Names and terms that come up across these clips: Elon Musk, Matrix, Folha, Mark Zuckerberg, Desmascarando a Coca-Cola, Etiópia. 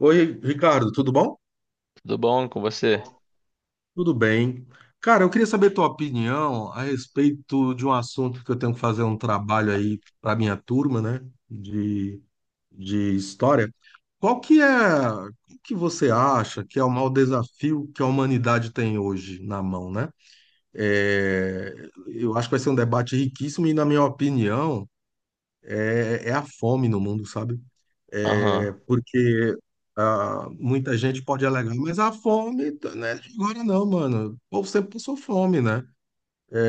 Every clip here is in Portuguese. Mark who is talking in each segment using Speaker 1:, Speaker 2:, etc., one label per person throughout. Speaker 1: Oi, Ricardo, tudo bom?
Speaker 2: Tudo bom com você?
Speaker 1: Tudo bem. Cara, eu queria saber tua opinião a respeito de um assunto que eu tenho que fazer um trabalho aí para minha turma, né, de, de história. Qual que é, o que você acha que é o maior desafio que a humanidade tem hoje na mão, né? É, eu acho que vai ser um debate riquíssimo e, na minha opinião, é a fome no mundo, sabe? É,
Speaker 2: Aham.
Speaker 1: porque muita gente pode alegar, mas a fome, tá, né? Agora não, mano. O povo sempre passou fome, né?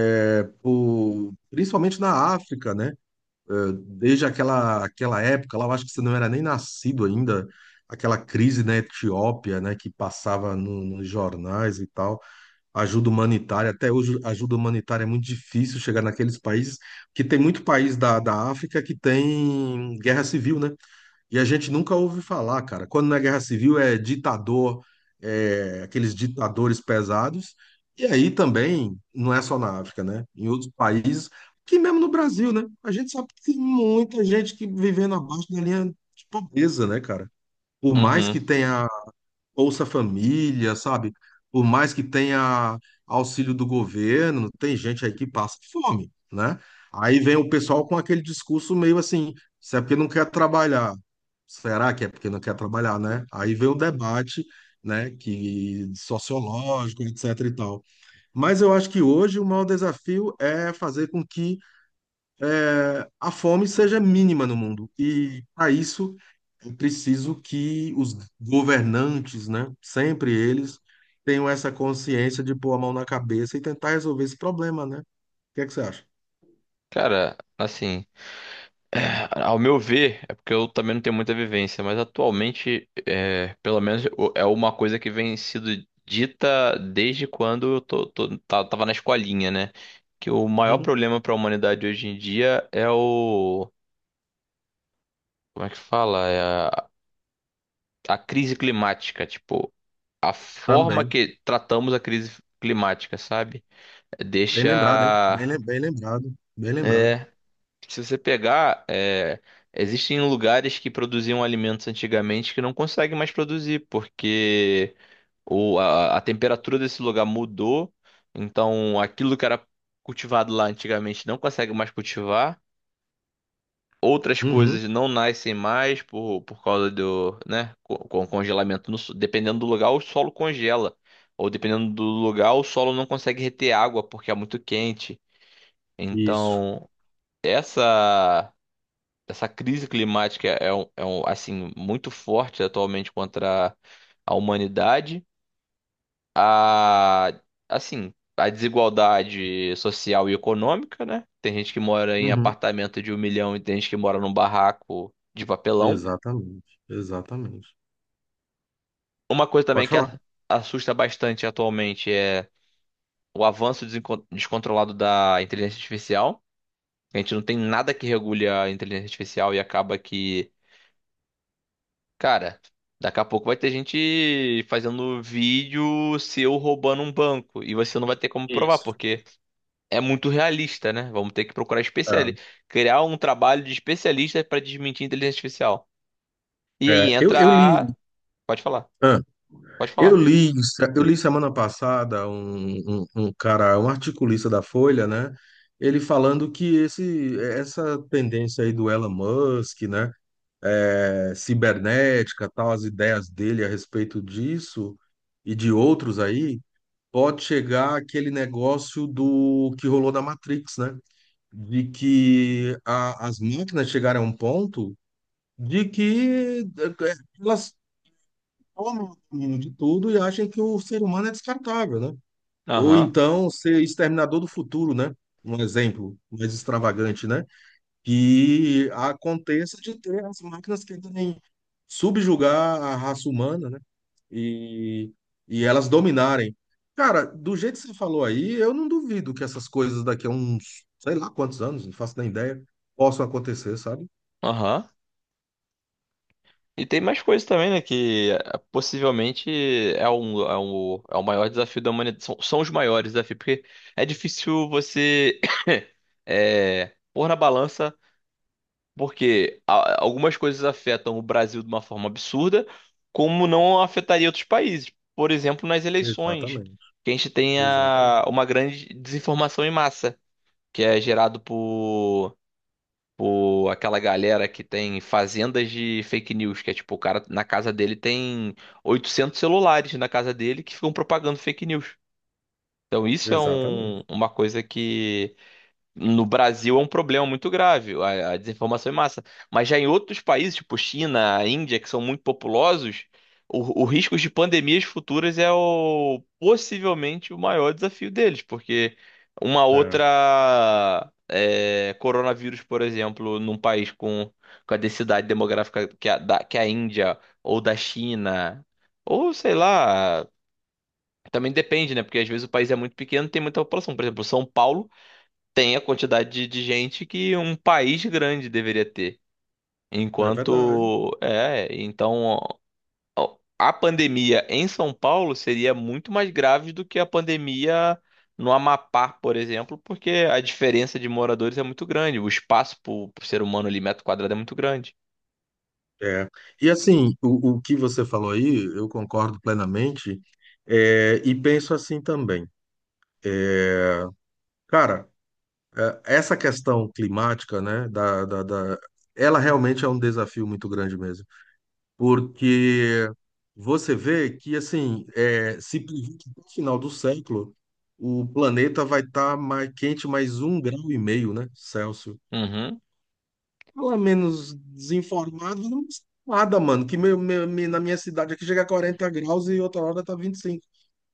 Speaker 1: É, principalmente na África, né? Eh, desde aquela época, lá eu acho que você não era nem nascido ainda, aquela crise na Etiópia, né, que passava nos jornais e tal, ajuda humanitária, até hoje ajuda humanitária é muito difícil chegar naqueles países, que tem muito país da África que tem guerra civil, né? E a gente nunca ouve falar, cara. Quando na Guerra Civil é ditador, é, aqueles ditadores pesados. E aí também, não é só na África, né? Em outros países, que mesmo no Brasil, né? A gente sabe que tem muita gente que vivendo abaixo da linha de pobreza, né, cara? Por mais
Speaker 2: Uhum.
Speaker 1: que tenha Bolsa Família, sabe? Por mais que tenha auxílio do governo, tem gente aí que passa fome, né? Aí vem o pessoal com aquele discurso meio assim, se é porque não quer trabalhar. Será que é porque não quer trabalhar, né? Aí vem o debate, né, que sociológico, etc e tal. Mas eu acho que hoje o maior desafio é fazer com que a fome seja mínima no mundo. E para isso é preciso que os governantes, né, sempre eles, tenham essa consciência de pôr a mão na cabeça e tentar resolver esse problema, né? O que é que você acha?
Speaker 2: Cara, assim, é, ao meu ver, é porque eu também não tenho muita vivência, mas atualmente, pelo menos é uma coisa que vem sido dita desde quando eu tô, tô- tá- tava na escolinha, né? Que o maior
Speaker 1: Uhum,
Speaker 2: problema para a humanidade hoje em dia como é que fala? É a, a crise climática, tipo, a forma
Speaker 1: também.
Speaker 2: que tratamos a crise climática, sabe?
Speaker 1: Bem lembrado, hein?
Speaker 2: Deixa
Speaker 1: Bem, bem lembrado. Bem lembrado.
Speaker 2: eh, se você pegar, é, existem lugares que produziam alimentos antigamente que não conseguem mais produzir, porque a temperatura desse lugar mudou, então aquilo que era cultivado lá antigamente não consegue mais cultivar. Outras
Speaker 1: Uhum,
Speaker 2: coisas não nascem mais por causa do, né, com congelamento. No so- Dependendo do lugar, o solo congela. Ou dependendo do lugar, o solo não consegue reter água porque é muito quente.
Speaker 1: isso.
Speaker 2: Então, essa essa crise climática é, é um, assim muito forte atualmente contra a humanidade, a assim a desigualdade social e econômica, né? Tem gente que mora em
Speaker 1: Uhum,
Speaker 2: apartamento de um milhão e tem gente que mora num barraco de papelão.
Speaker 1: exatamente. Exatamente.
Speaker 2: Uma coisa também
Speaker 1: Pode falar.
Speaker 2: assusta bastante atualmente é o avanço descontrolado da inteligência artificial. A gente não tem nada que regule a inteligência artificial e acaba que cara, daqui a pouco vai ter gente fazendo vídeo seu roubando um banco e você não vai ter como provar,
Speaker 1: Isso.
Speaker 2: porque é muito realista, né? Vamos ter que procurar
Speaker 1: É,
Speaker 2: especialista, criar um trabalho de especialista para desmentir a inteligência artificial. E aí entra
Speaker 1: eu li.
Speaker 2: a... Pode falar, pode
Speaker 1: Eu
Speaker 2: falar.
Speaker 1: li, eu li semana passada um cara, um articulista da Folha, né? Ele falando que essa tendência aí do Elon Musk, né? É, cibernética, tal, as ideias dele a respeito disso e de outros aí, pode chegar aquele negócio do que rolou na Matrix, né? De que as máquinas chegaram a um ponto de que eh, elas tomam de tudo e acham que o ser humano é descartável, né? Ou
Speaker 2: Aham,
Speaker 1: então ser exterminador do futuro, né? Um exemplo mais extravagante, né? Que aconteça de ter as máquinas que tentem subjugar a raça humana, né? E, e elas dominarem. Cara, do jeito que você falou aí, eu não duvido que essas coisas daqui a uns, sei lá quantos anos, não faço nem ideia, possam acontecer, sabe?
Speaker 2: aham. E tem mais coisas também, né? Que possivelmente é o maior desafio da humanidade. São, são os maiores desafios, porque é difícil você pôr na balança. Porque algumas coisas afetam o Brasil de uma forma absurda, como não afetaria outros países. Por exemplo, nas eleições,
Speaker 1: Exatamente,
Speaker 2: que a gente tem
Speaker 1: exatamente,
Speaker 2: uma grande desinformação em massa, que é gerado por aquela galera que tem fazendas de fake news, que é tipo, o cara na casa dele tem 800 celulares na casa dele que ficam propagando fake news. Então isso é
Speaker 1: exatamente.
Speaker 2: uma coisa no Brasil, é um problema muito grave, a desinformação em massa. Mas já em outros países, tipo China, Índia, que são muito populosos, o risco de pandemias futuras é o, possivelmente o maior desafio deles, porque uma
Speaker 1: É,
Speaker 2: outra é, coronavírus, por exemplo, num país com a densidade demográfica que a Índia ou da China, ou sei lá. Também depende, né? Porque às vezes o país é muito pequeno, tem muita população. Por exemplo, São Paulo tem a quantidade de gente que um país grande deveria ter.
Speaker 1: é verdade.
Speaker 2: Enquanto, é, então ó, a pandemia em São Paulo seria muito mais grave do que a pandemia no Amapá, por exemplo, porque a diferença de moradores é muito grande, o espaço para o ser humano ali, metro quadrado, é muito grande.
Speaker 1: É. E assim, o que você falou aí, eu concordo plenamente, é, e penso assim também. Cara, é, essa questão climática, né, ela realmente é um desafio muito grande mesmo, porque você vê que, assim, é, se previ- que no final do século, o planeta vai estar mais quente mais um grau e meio, né, Celsius.
Speaker 2: Uhum,
Speaker 1: Fala menos desinformado, não custa nada, mano. Que na minha cidade aqui chega a 40 graus e outra hora tá 25.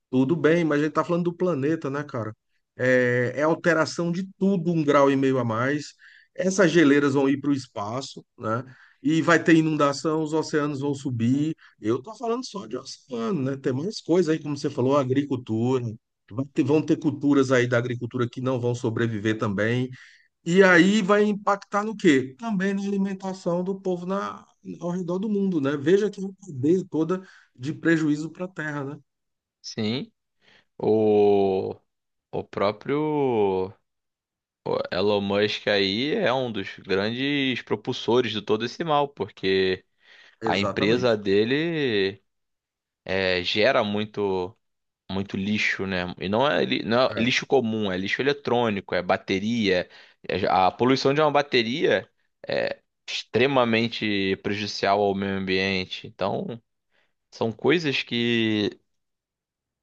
Speaker 1: Tudo bem, mas a gente tá falando do planeta, né, cara? É, é alteração de tudo, um grau e meio a mais. Essas geleiras vão ir para o espaço, né? E vai ter inundação, os oceanos vão subir. Eu tô falando só de oceano, né? Tem mais coisa aí, como você falou, agricultura. Vão ter culturas aí da agricultura que não vão sobreviver também. E aí vai impactar no quê? Também na alimentação do povo na, ao redor do mundo, né? Veja que uma cadeia toda de prejuízo para a Terra, né?
Speaker 2: sim. O, o próprio o Elon Musk aí é um dos grandes propulsores de todo esse mal, porque a empresa
Speaker 1: Exatamente.
Speaker 2: dele gera muito lixo, né? E não é, não é
Speaker 1: É,
Speaker 2: lixo comum, é lixo eletrônico, é bateria. A poluição de uma bateria é extremamente prejudicial ao meio ambiente. Então, são coisas que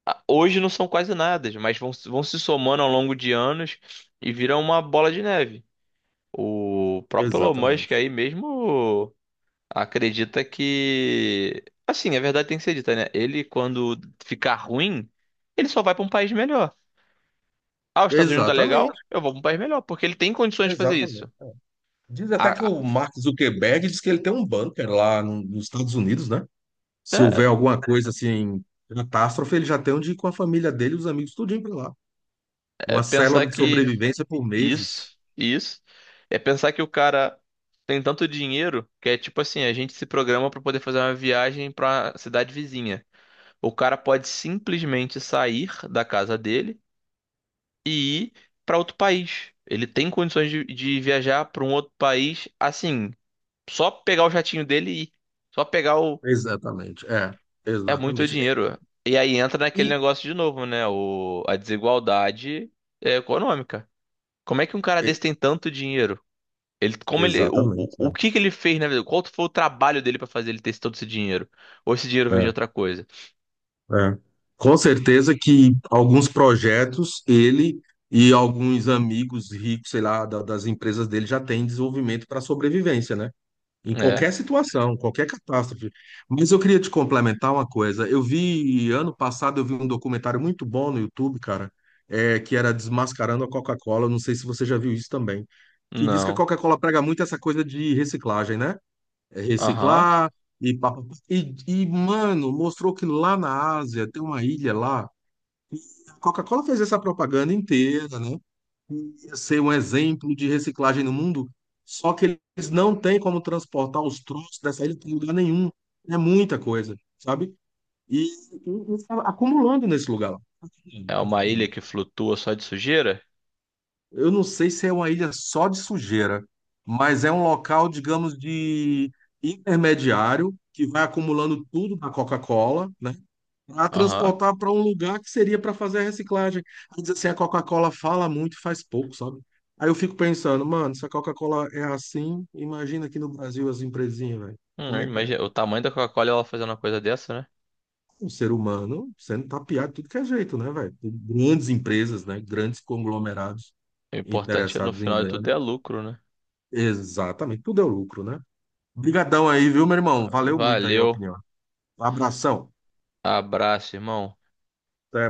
Speaker 2: ah, hoje não são quase nada, mas vão, vão se somando ao longo de anos e viram uma bola de neve. O próprio Elon Musk
Speaker 1: exatamente.
Speaker 2: aí mesmo. Acredita que. Assim, a verdade tem que ser dita, né? Ele, quando ficar ruim, ele só vai pra um país melhor. Ah, os Estados Unidos tá legal?
Speaker 1: Exatamente.
Speaker 2: Eu vou pra um país melhor, porque ele tem condições de fazer isso.
Speaker 1: Diz
Speaker 2: A-
Speaker 1: até que
Speaker 2: a-
Speaker 1: o Mark Zuckerberg diz que ele tem um bunker lá nos Estados Unidos, né? Se
Speaker 2: É,
Speaker 1: houver alguma coisa assim, catástrofe, ele já tem onde ir com a família dele e os amigos tudinho para lá.
Speaker 2: é
Speaker 1: Uma
Speaker 2: pensar
Speaker 1: célula de
Speaker 2: que
Speaker 1: sobrevivência por meses.
Speaker 2: isso, isso, é pensar que o cara tem tanto dinheiro que é tipo assim, a gente se programa pra poder fazer uma viagem pra cidade vizinha. O cara pode simplesmente sair da casa dele e ir para outro país. Ele tem condições de viajar para um outro país assim, só pegar o jatinho dele e ir. Só pegar o.
Speaker 1: Exatamente. É,
Speaker 2: É muito
Speaker 1: exatamente.
Speaker 2: dinheiro. E aí entra naquele
Speaker 1: E,
Speaker 2: negócio de novo, né? A desigualdade econômica. Como é que um cara
Speaker 1: e-
Speaker 2: desse tem tanto dinheiro? Ele, como ele,
Speaker 1: exatamente.
Speaker 2: o que que ele fez na vida? Qual foi o trabalho dele para fazer ele ter todo esse dinheiro? Ou esse dinheiro vem de
Speaker 1: É.
Speaker 2: outra coisa?
Speaker 1: É. Com certeza que alguns projetos ele e alguns amigos ricos, sei lá, das empresas dele já têm desenvolvimento para sobrevivência, né? Em
Speaker 2: É?
Speaker 1: qualquer situação, qualquer catástrofe. Mas eu queria te complementar uma coisa. Eu vi, ano passado, eu vi um documentário muito bom no YouTube, cara, é, que era Desmascarando a Coca-Cola. Não sei se você já viu isso também. Que diz que a
Speaker 2: Não.
Speaker 1: Coca-Cola prega muito essa coisa de reciclagem, né? É,
Speaker 2: Aham.
Speaker 1: reciclar e, pá, pá, pá. E, e, mano, mostrou que lá na Ásia tem uma ilha lá. A Coca-Cola fez essa propaganda inteira, né? Ia ser um exemplo de reciclagem no mundo. Só que eles não têm como transportar os troços dessa ilha para lugar nenhum. É muita coisa, sabe? E, e tá acumulando nesse lugar lá. Tá acumulando,
Speaker 2: É
Speaker 1: tá
Speaker 2: uma ilha
Speaker 1: acumulando.
Speaker 2: que flutua só de sujeira?
Speaker 1: Eu não sei se é uma ilha só de sujeira, mas é um local, digamos, de intermediário que vai acumulando tudo da Coca-Cola, né, para
Speaker 2: Aham.
Speaker 1: transportar para um lugar que seria para fazer a reciclagem. Aí diz assim, a Coca-Cola fala muito e faz pouco, sabe? Aí eu fico pensando, mano, se a Coca-Cola é assim, imagina aqui no Brasil as empresinhas, velho. Como é que é?
Speaker 2: Imagina, o tamanho da Coca-Cola ela fazendo uma coisa dessa, né?
Speaker 1: Um ser humano sendo tapeado de tudo que é jeito, né, velho? Por grandes empresas, né? Grandes conglomerados
Speaker 2: O importante é, no
Speaker 1: interessados em
Speaker 2: final de tudo
Speaker 1: ganhar.
Speaker 2: é lucro, né?
Speaker 1: Exatamente, tudo é lucro, né? Obrigadão aí, viu, meu irmão? Valeu muito aí a
Speaker 2: Valeu,
Speaker 1: opinião. Abração.
Speaker 2: abraço, irmão.
Speaker 1: Até